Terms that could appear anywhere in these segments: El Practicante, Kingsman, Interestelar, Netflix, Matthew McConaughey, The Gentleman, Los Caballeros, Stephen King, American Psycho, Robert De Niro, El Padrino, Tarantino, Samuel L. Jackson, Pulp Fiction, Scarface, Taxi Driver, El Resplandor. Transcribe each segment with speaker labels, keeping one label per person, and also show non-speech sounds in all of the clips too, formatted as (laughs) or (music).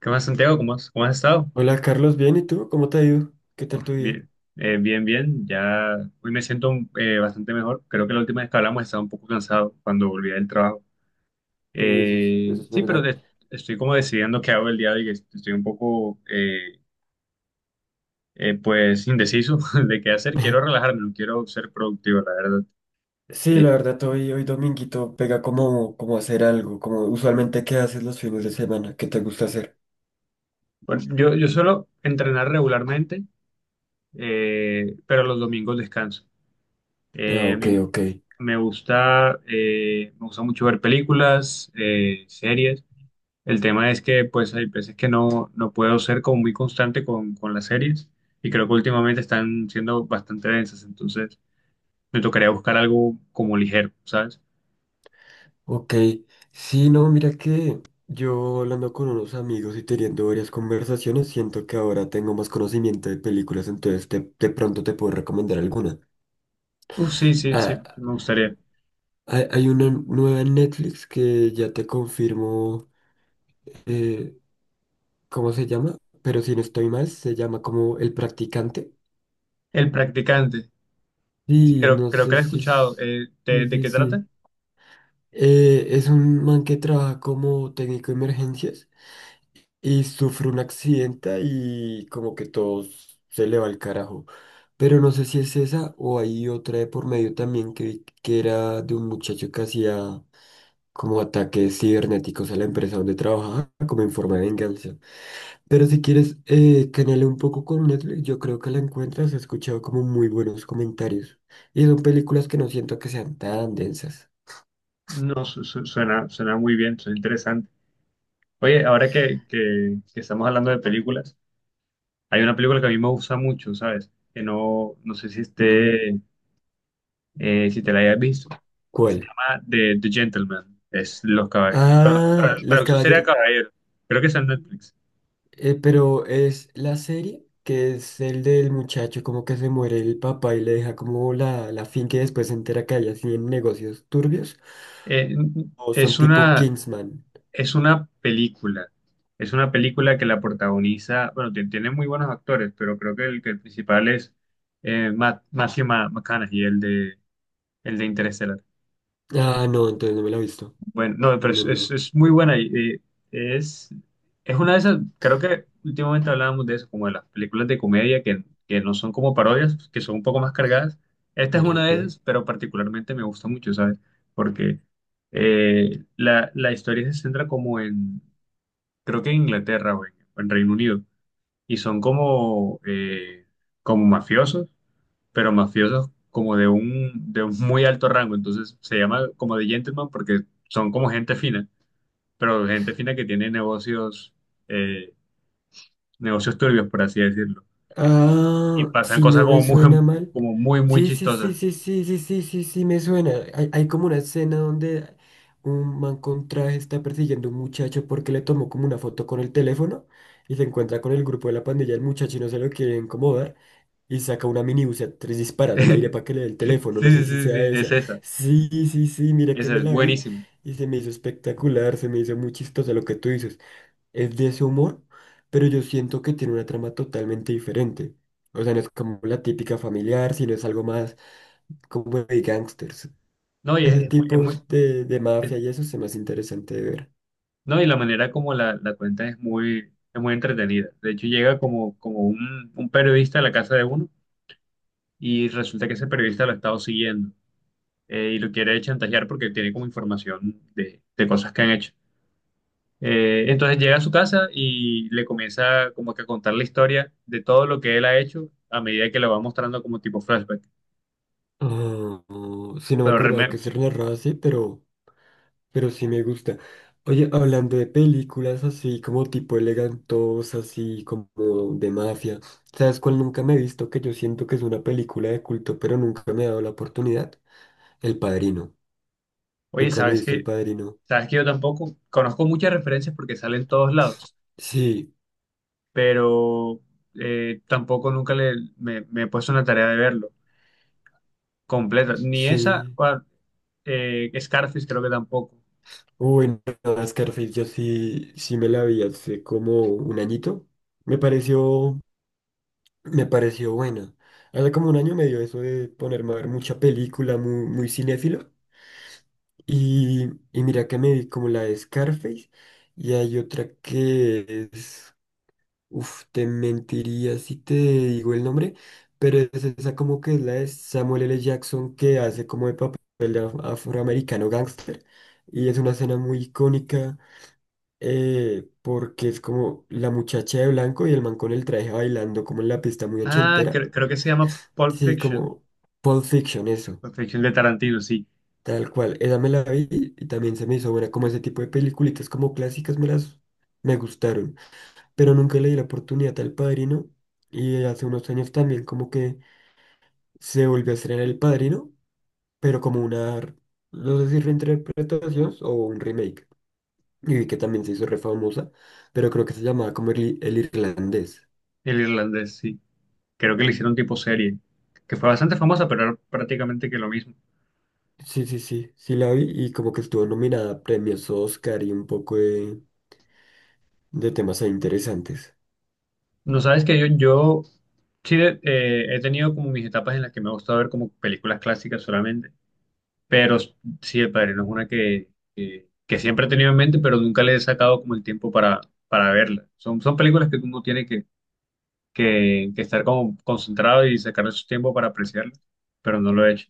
Speaker 1: ¿Qué más, Santiago? ¿Cómo has estado?
Speaker 2: Hola Carlos, bien, ¿y tú? ¿Cómo te ha ido? ¿Qué tal
Speaker 1: Uf,
Speaker 2: tu día?
Speaker 1: bien, bien, bien. Ya hoy me siento bastante mejor. Creo que la última vez que hablamos estaba un poco cansado cuando volví del trabajo.
Speaker 2: Sí, eso es
Speaker 1: Sí, pero
Speaker 2: verdad.
Speaker 1: estoy como decidiendo qué hago el día de hoy. Que Estoy un poco, pues, indeciso (laughs) de qué hacer. Quiero
Speaker 2: (laughs)
Speaker 1: relajarme, no quiero ser productivo, la verdad.
Speaker 2: Sí, la
Speaker 1: Eh,
Speaker 2: verdad, hoy, hoy dominguito pega como, como hacer algo, como usualmente qué haces los fines de semana, qué te gusta hacer.
Speaker 1: bueno, yo suelo entrenar regularmente, pero los domingos descanso.
Speaker 2: Ah,
Speaker 1: A
Speaker 2: ok,
Speaker 1: mí
Speaker 2: ok,
Speaker 1: Me gusta mucho ver películas, series. El tema es que pues hay veces que no puedo ser como muy constante con las series y creo que últimamente están siendo bastante densas, entonces me tocaría buscar algo como ligero, ¿sabes?
Speaker 2: ok. Sí, no, mira que yo hablando con unos amigos y teniendo varias conversaciones, siento que ahora tengo más conocimiento de películas, de pronto te puedo recomendar alguna.
Speaker 1: Uf, sí, sí, sí,
Speaker 2: Ah,
Speaker 1: me gustaría.
Speaker 2: hay una nueva en Netflix que ya te confirmo. eh, ¿Cómo se llama? Pero si no estoy mal, se llama como El Practicante.
Speaker 1: El practicante, sí,
Speaker 2: Y no
Speaker 1: creo que
Speaker 2: sé
Speaker 1: la he
Speaker 2: si... es-
Speaker 1: escuchado.
Speaker 2: Sí,
Speaker 1: ¿ De
Speaker 2: sí,
Speaker 1: qué trata?
Speaker 2: sí. Es un man que trabaja como técnico de emergencias y sufre un accidente y como que se le va al carajo. Pero no sé si es esa o hay otra de por medio también que, vi que era de un muchacho que hacía como ataques cibernéticos a la empresa donde trabajaba como en forma de venganza. Pero si quieres, canale un poco con Netflix, yo creo que la encuentras. He escuchado como muy buenos comentarios. Y son películas que no siento que sean tan densas.
Speaker 1: No, suena, suena muy bien, suena interesante. Oye, ahora que estamos hablando de películas. Hay una película que a mí me gusta mucho, ¿sabes? Que no sé si
Speaker 2: Mm,
Speaker 1: esté, si te la hayas visto. Se
Speaker 2: ¿cuál?
Speaker 1: llama The Gentleman. Es los caballeros.
Speaker 2: Ah, Los
Speaker 1: Traducción sería
Speaker 2: Caballeros.
Speaker 1: caballero. Creo que está en Netflix.
Speaker 2: Pero es la serie que es el del muchacho, como que se muere el papá y le deja como la finca y después se entera que hay así en negocios turbios.
Speaker 1: Eh,
Speaker 2: O son
Speaker 1: es
Speaker 2: tipo
Speaker 1: una,
Speaker 2: Kingsman.
Speaker 1: es una película. Es una película que la protagoniza. Bueno, tiene muy buenos actores, pero creo que el principal es Matthew McConaughey, el de Interestelar.
Speaker 2: Ah, no, entonces no me la he visto.
Speaker 1: Bueno, no, pero
Speaker 2: No, no, no.
Speaker 1: es muy buena y eh, es, es una de esas, creo que últimamente hablábamos de eso, como de las películas de comedia que no son como parodias, que son un poco más cargadas. Esta es
Speaker 2: Sí, sí,
Speaker 1: una de
Speaker 2: sí.
Speaker 1: esas, pero particularmente me gusta mucho, ¿sabes? Porque la historia se centra como en, creo que en Inglaterra o en Reino Unido, y son como, como mafiosos, pero mafiosos como de un muy alto rango, entonces se llama como de gentleman porque son como gente fina pero gente fina que tiene negocios, eh, negocios turbios, por así decirlo. Y
Speaker 2: Ah,
Speaker 1: pasan
Speaker 2: si
Speaker 1: cosas
Speaker 2: no me
Speaker 1: como muy,
Speaker 2: suena mal.
Speaker 1: muy
Speaker 2: Sí, sí, sí,
Speaker 1: chistosas.
Speaker 2: sí, sí, sí, sí, sí, sí, me suena. Hay como una escena donde un man con traje está persiguiendo a un muchacho porque le tomó como una foto con el teléfono y se encuentra con el grupo de la pandilla. El muchacho no se lo quiere incomodar y saca una minibús a tres disparas al aire
Speaker 1: (laughs) Sí,
Speaker 2: para que le dé el teléfono. No
Speaker 1: sí,
Speaker 2: sé si
Speaker 1: sí,
Speaker 2: sea
Speaker 1: sí, es
Speaker 2: esa.
Speaker 1: esa.
Speaker 2: Sí, sí, sí, mira que
Speaker 1: Esa
Speaker 2: me
Speaker 1: es
Speaker 2: la vi
Speaker 1: buenísima.
Speaker 2: y se me hizo espectacular, se me hizo muy chistosa. Lo que tú dices es de ese humor, pero yo siento que tiene una trama totalmente diferente. O sea, no es como la típica familiar, sino es algo más como de gangsters.
Speaker 1: No, y
Speaker 2: Ese
Speaker 1: es
Speaker 2: tipo
Speaker 1: muy-
Speaker 2: de
Speaker 1: es-
Speaker 2: mafia y eso es más interesante de ver.
Speaker 1: no, y la manera como la cuenta es muy entretenida. De hecho, llega como, un periodista a la casa de uno y resulta que ese periodista lo ha estado siguiendo y lo quiere chantajear porque tiene como información de cosas que han hecho. Entonces llega a su casa y le comienza como que a contar la historia de todo lo que él ha hecho a medida que lo va mostrando como tipo flashback.
Speaker 2: Ah, sí, no me
Speaker 1: Pero
Speaker 2: acordaba
Speaker 1: Reme,
Speaker 2: que se narraba así, pero sí me gusta. Oye, hablando de películas así como tipo elegantosas, así como de mafia, ¿sabes cuál nunca me he visto? Que yo siento que es una película de culto, pero nunca me ha dado la oportunidad. El Padrino.
Speaker 1: oye,
Speaker 2: Nunca me he
Speaker 1: ¿sabes
Speaker 2: visto El
Speaker 1: qué?
Speaker 2: Padrino.
Speaker 1: ¿Sabes que yo tampoco conozco muchas referencias porque salen en todos lados,
Speaker 2: Sí,
Speaker 1: pero tampoco nunca le, me he puesto una tarea de verlo completa. Ni esa,
Speaker 2: sí.
Speaker 1: Scarface creo que tampoco.
Speaker 2: Uy, no, Scarface, yo sí, sí me la vi hace como un añito. Me pareció, me pareció buena. Hace como un año me dio eso de ponerme a ver mucha película, muy, muy cinéfilo. Y mira que me vi como la de Scarface. Y hay otra que es, uf, te mentiría si te digo el nombre, pero es esa como que es la de Samuel L. Jackson que hace como el papel de afroamericano gángster. Y es una escena muy icónica, porque es como la muchacha de blanco y el man con el traje bailando como en la pista muy
Speaker 1: Ah,
Speaker 2: ochentera.
Speaker 1: creo que se llama Pulp
Speaker 2: Sí,
Speaker 1: Fiction.
Speaker 2: como Pulp Fiction, eso,
Speaker 1: Pulp Fiction de Tarantino, sí.
Speaker 2: tal cual. Esa me la vi y también se me hizo buena, como ese tipo de peliculitas como clásicas me gustaron. Pero nunca le di la oportunidad al Padrino. Y hace unos años también como que se volvió a estrenar El Padrino, pero como una, no sé si reinterpretación o un remake. Y vi que también se hizo re famosa, pero creo que se llamaba como el irlandés.
Speaker 1: El irlandés, sí. Creo que le hicieron tipo serie, que fue bastante famosa, pero era prácticamente que lo mismo.
Speaker 2: Sí, sí, sí, sí la vi y como que estuvo nominada a premios Oscar y un poco de temas ahí interesantes.
Speaker 1: No sabes que yo sí he tenido como mis etapas en las que me ha gustado ver como películas clásicas solamente, pero sí, El Padrino es una que siempre he tenido en mente, pero nunca le he sacado como el tiempo para verla. Son, son películas que uno tiene que estar como concentrado y sacar su tiempo para apreciarlo, pero no lo he hecho.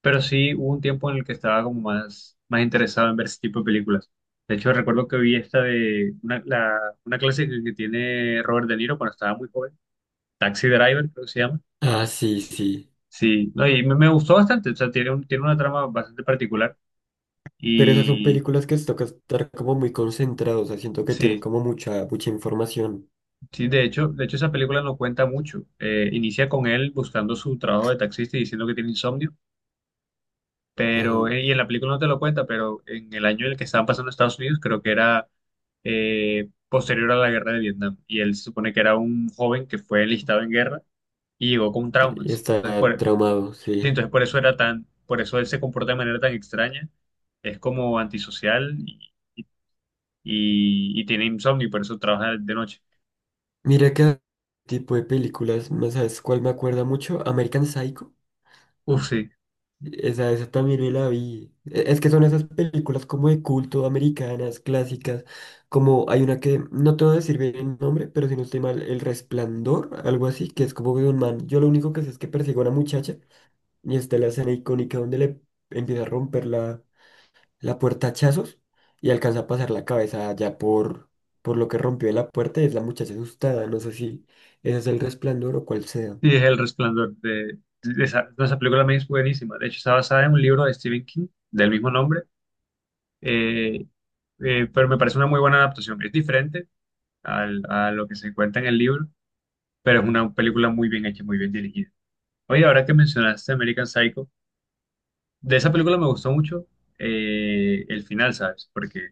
Speaker 1: Pero sí hubo un tiempo en el que estaba como más, más interesado en ver ese tipo de películas. De hecho, recuerdo que vi esta de una, una clase que tiene Robert De Niro cuando estaba muy joven, Taxi Driver, creo que se llama.
Speaker 2: Ah, sí, sí.
Speaker 1: Sí, no, y me gustó bastante, o sea, tiene una trama bastante particular
Speaker 2: Pero esas son
Speaker 1: y
Speaker 2: películas que se toca estar como muy concentrados, o sea, siento que tienen
Speaker 1: sí,
Speaker 2: como mucha, mucha información.
Speaker 1: sí, de hecho esa película no cuenta mucho. Inicia con él buscando su trabajo de taxista y diciendo que tiene insomnio.
Speaker 2: Ajá.
Speaker 1: Pero, y en la película no te lo cuenta, pero en el año en el que estaban pasando Estados Unidos, creo que era posterior a la guerra de Vietnam. Y él se supone que era un joven que fue enlistado en guerra y llegó con traumas. Entonces
Speaker 2: Está
Speaker 1: por,
Speaker 2: traumado,
Speaker 1: sí,
Speaker 2: sí.
Speaker 1: entonces por eso era tan, por eso él se comporta de manera tan extraña. Es como antisocial y tiene insomnio y por eso trabaja de noche.
Speaker 2: Mira que tipo de películas, ¿no sabes cuál me acuerda mucho? American Psycho.
Speaker 1: Uf, sí,
Speaker 2: Esa también me la vi. Es que son esas películas como de culto, americanas, clásicas. Como hay una que, no te voy a decir bien el nombre, pero si no estoy mal, El Resplandor, algo así, que es como de un man. Yo lo único que sé es que persigue a una muchacha y está la escena icónica donde le empieza a romper la puerta a hachazos y alcanza a pasar la cabeza ya por lo que rompió la puerta y es la muchacha asustada. No sé si ese es el resplandor o cuál sea.
Speaker 1: sí, es El Resplandor. De esa, de esa película me es buenísima. De hecho, está basada en un libro de Stephen King del mismo nombre. Eh, pero me parece una muy buena adaptación. Es diferente a lo que se encuentra en el libro, pero es una película muy bien hecha, muy bien dirigida. Oye, ahora que mencionaste American Psycho, de esa película me gustó mucho el final, ¿sabes? Porque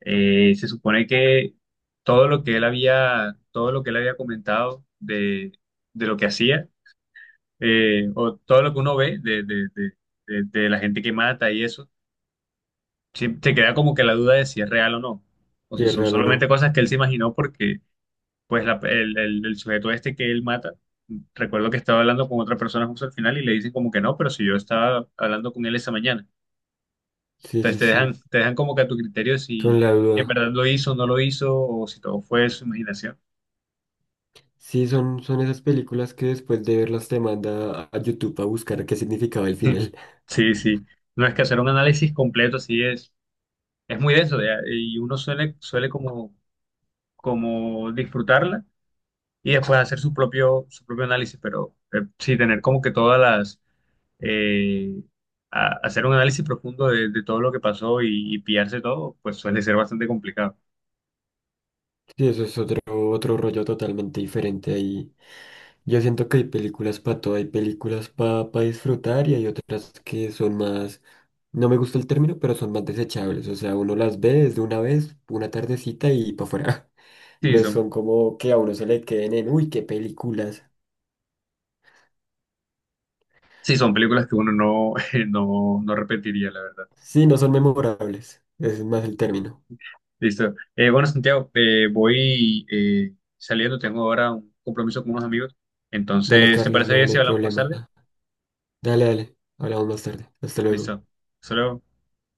Speaker 1: se supone que todo lo que él había comentado de lo que hacía, o todo lo que uno ve de la gente que mata y eso. Sí, te queda como que la duda de si es real o no, o
Speaker 2: Si
Speaker 1: si
Speaker 2: es
Speaker 1: son
Speaker 2: real o
Speaker 1: solamente
Speaker 2: no.
Speaker 1: cosas que él se imaginó porque pues el sujeto este que él mata, recuerdo que estaba hablando con otra persona justo al final y le dicen como que no, pero si yo estaba hablando con él esa mañana.
Speaker 2: Sí,
Speaker 1: Entonces
Speaker 2: sí, sí.
Speaker 1: te dejan como que a tu criterio
Speaker 2: Son
Speaker 1: si
Speaker 2: la
Speaker 1: si en
Speaker 2: duda.
Speaker 1: verdad lo hizo o no lo hizo o si todo fue su imaginación.
Speaker 2: Sí, son, son esas películas que después de verlas te manda a YouTube a buscar qué significaba el
Speaker 1: (laughs)
Speaker 2: final.
Speaker 1: Sí, sí. No es que hacer un análisis completo así es muy denso ya, y uno suele, suele como, como disfrutarla y después hacer su propio análisis, pero sí tener como que todas las, eh, hacer un análisis profundo de todo lo que pasó y pillarse todo, pues suele ser bastante complicado.
Speaker 2: Sí, eso es otro, otro rollo totalmente diferente ahí. Yo siento que hay películas para todo, hay películas para disfrutar y hay otras que son más, no me gusta el término, pero son más desechables. O sea, uno las ve desde una vez, una tardecita y para afuera. (laughs)
Speaker 1: Sí,
Speaker 2: No
Speaker 1: son,
Speaker 2: son como que a uno se le queden en, uy, qué películas.
Speaker 1: sí, son películas que uno no, (laughs) no, no repetiría, la verdad.
Speaker 2: Sí, no son memorables. Ese es más el término.
Speaker 1: Listo. Bueno, Santiago, voy saliendo, tengo ahora un compromiso con unos amigos,
Speaker 2: Dale,
Speaker 1: entonces, ¿te
Speaker 2: Carlos,
Speaker 1: parece
Speaker 2: no,
Speaker 1: bien
Speaker 2: no
Speaker 1: si
Speaker 2: hay
Speaker 1: hablamos más
Speaker 2: problema.
Speaker 1: tarde?
Speaker 2: Dale, dale. Hablamos más tarde. Hasta luego.
Speaker 1: Listo. Hasta luego.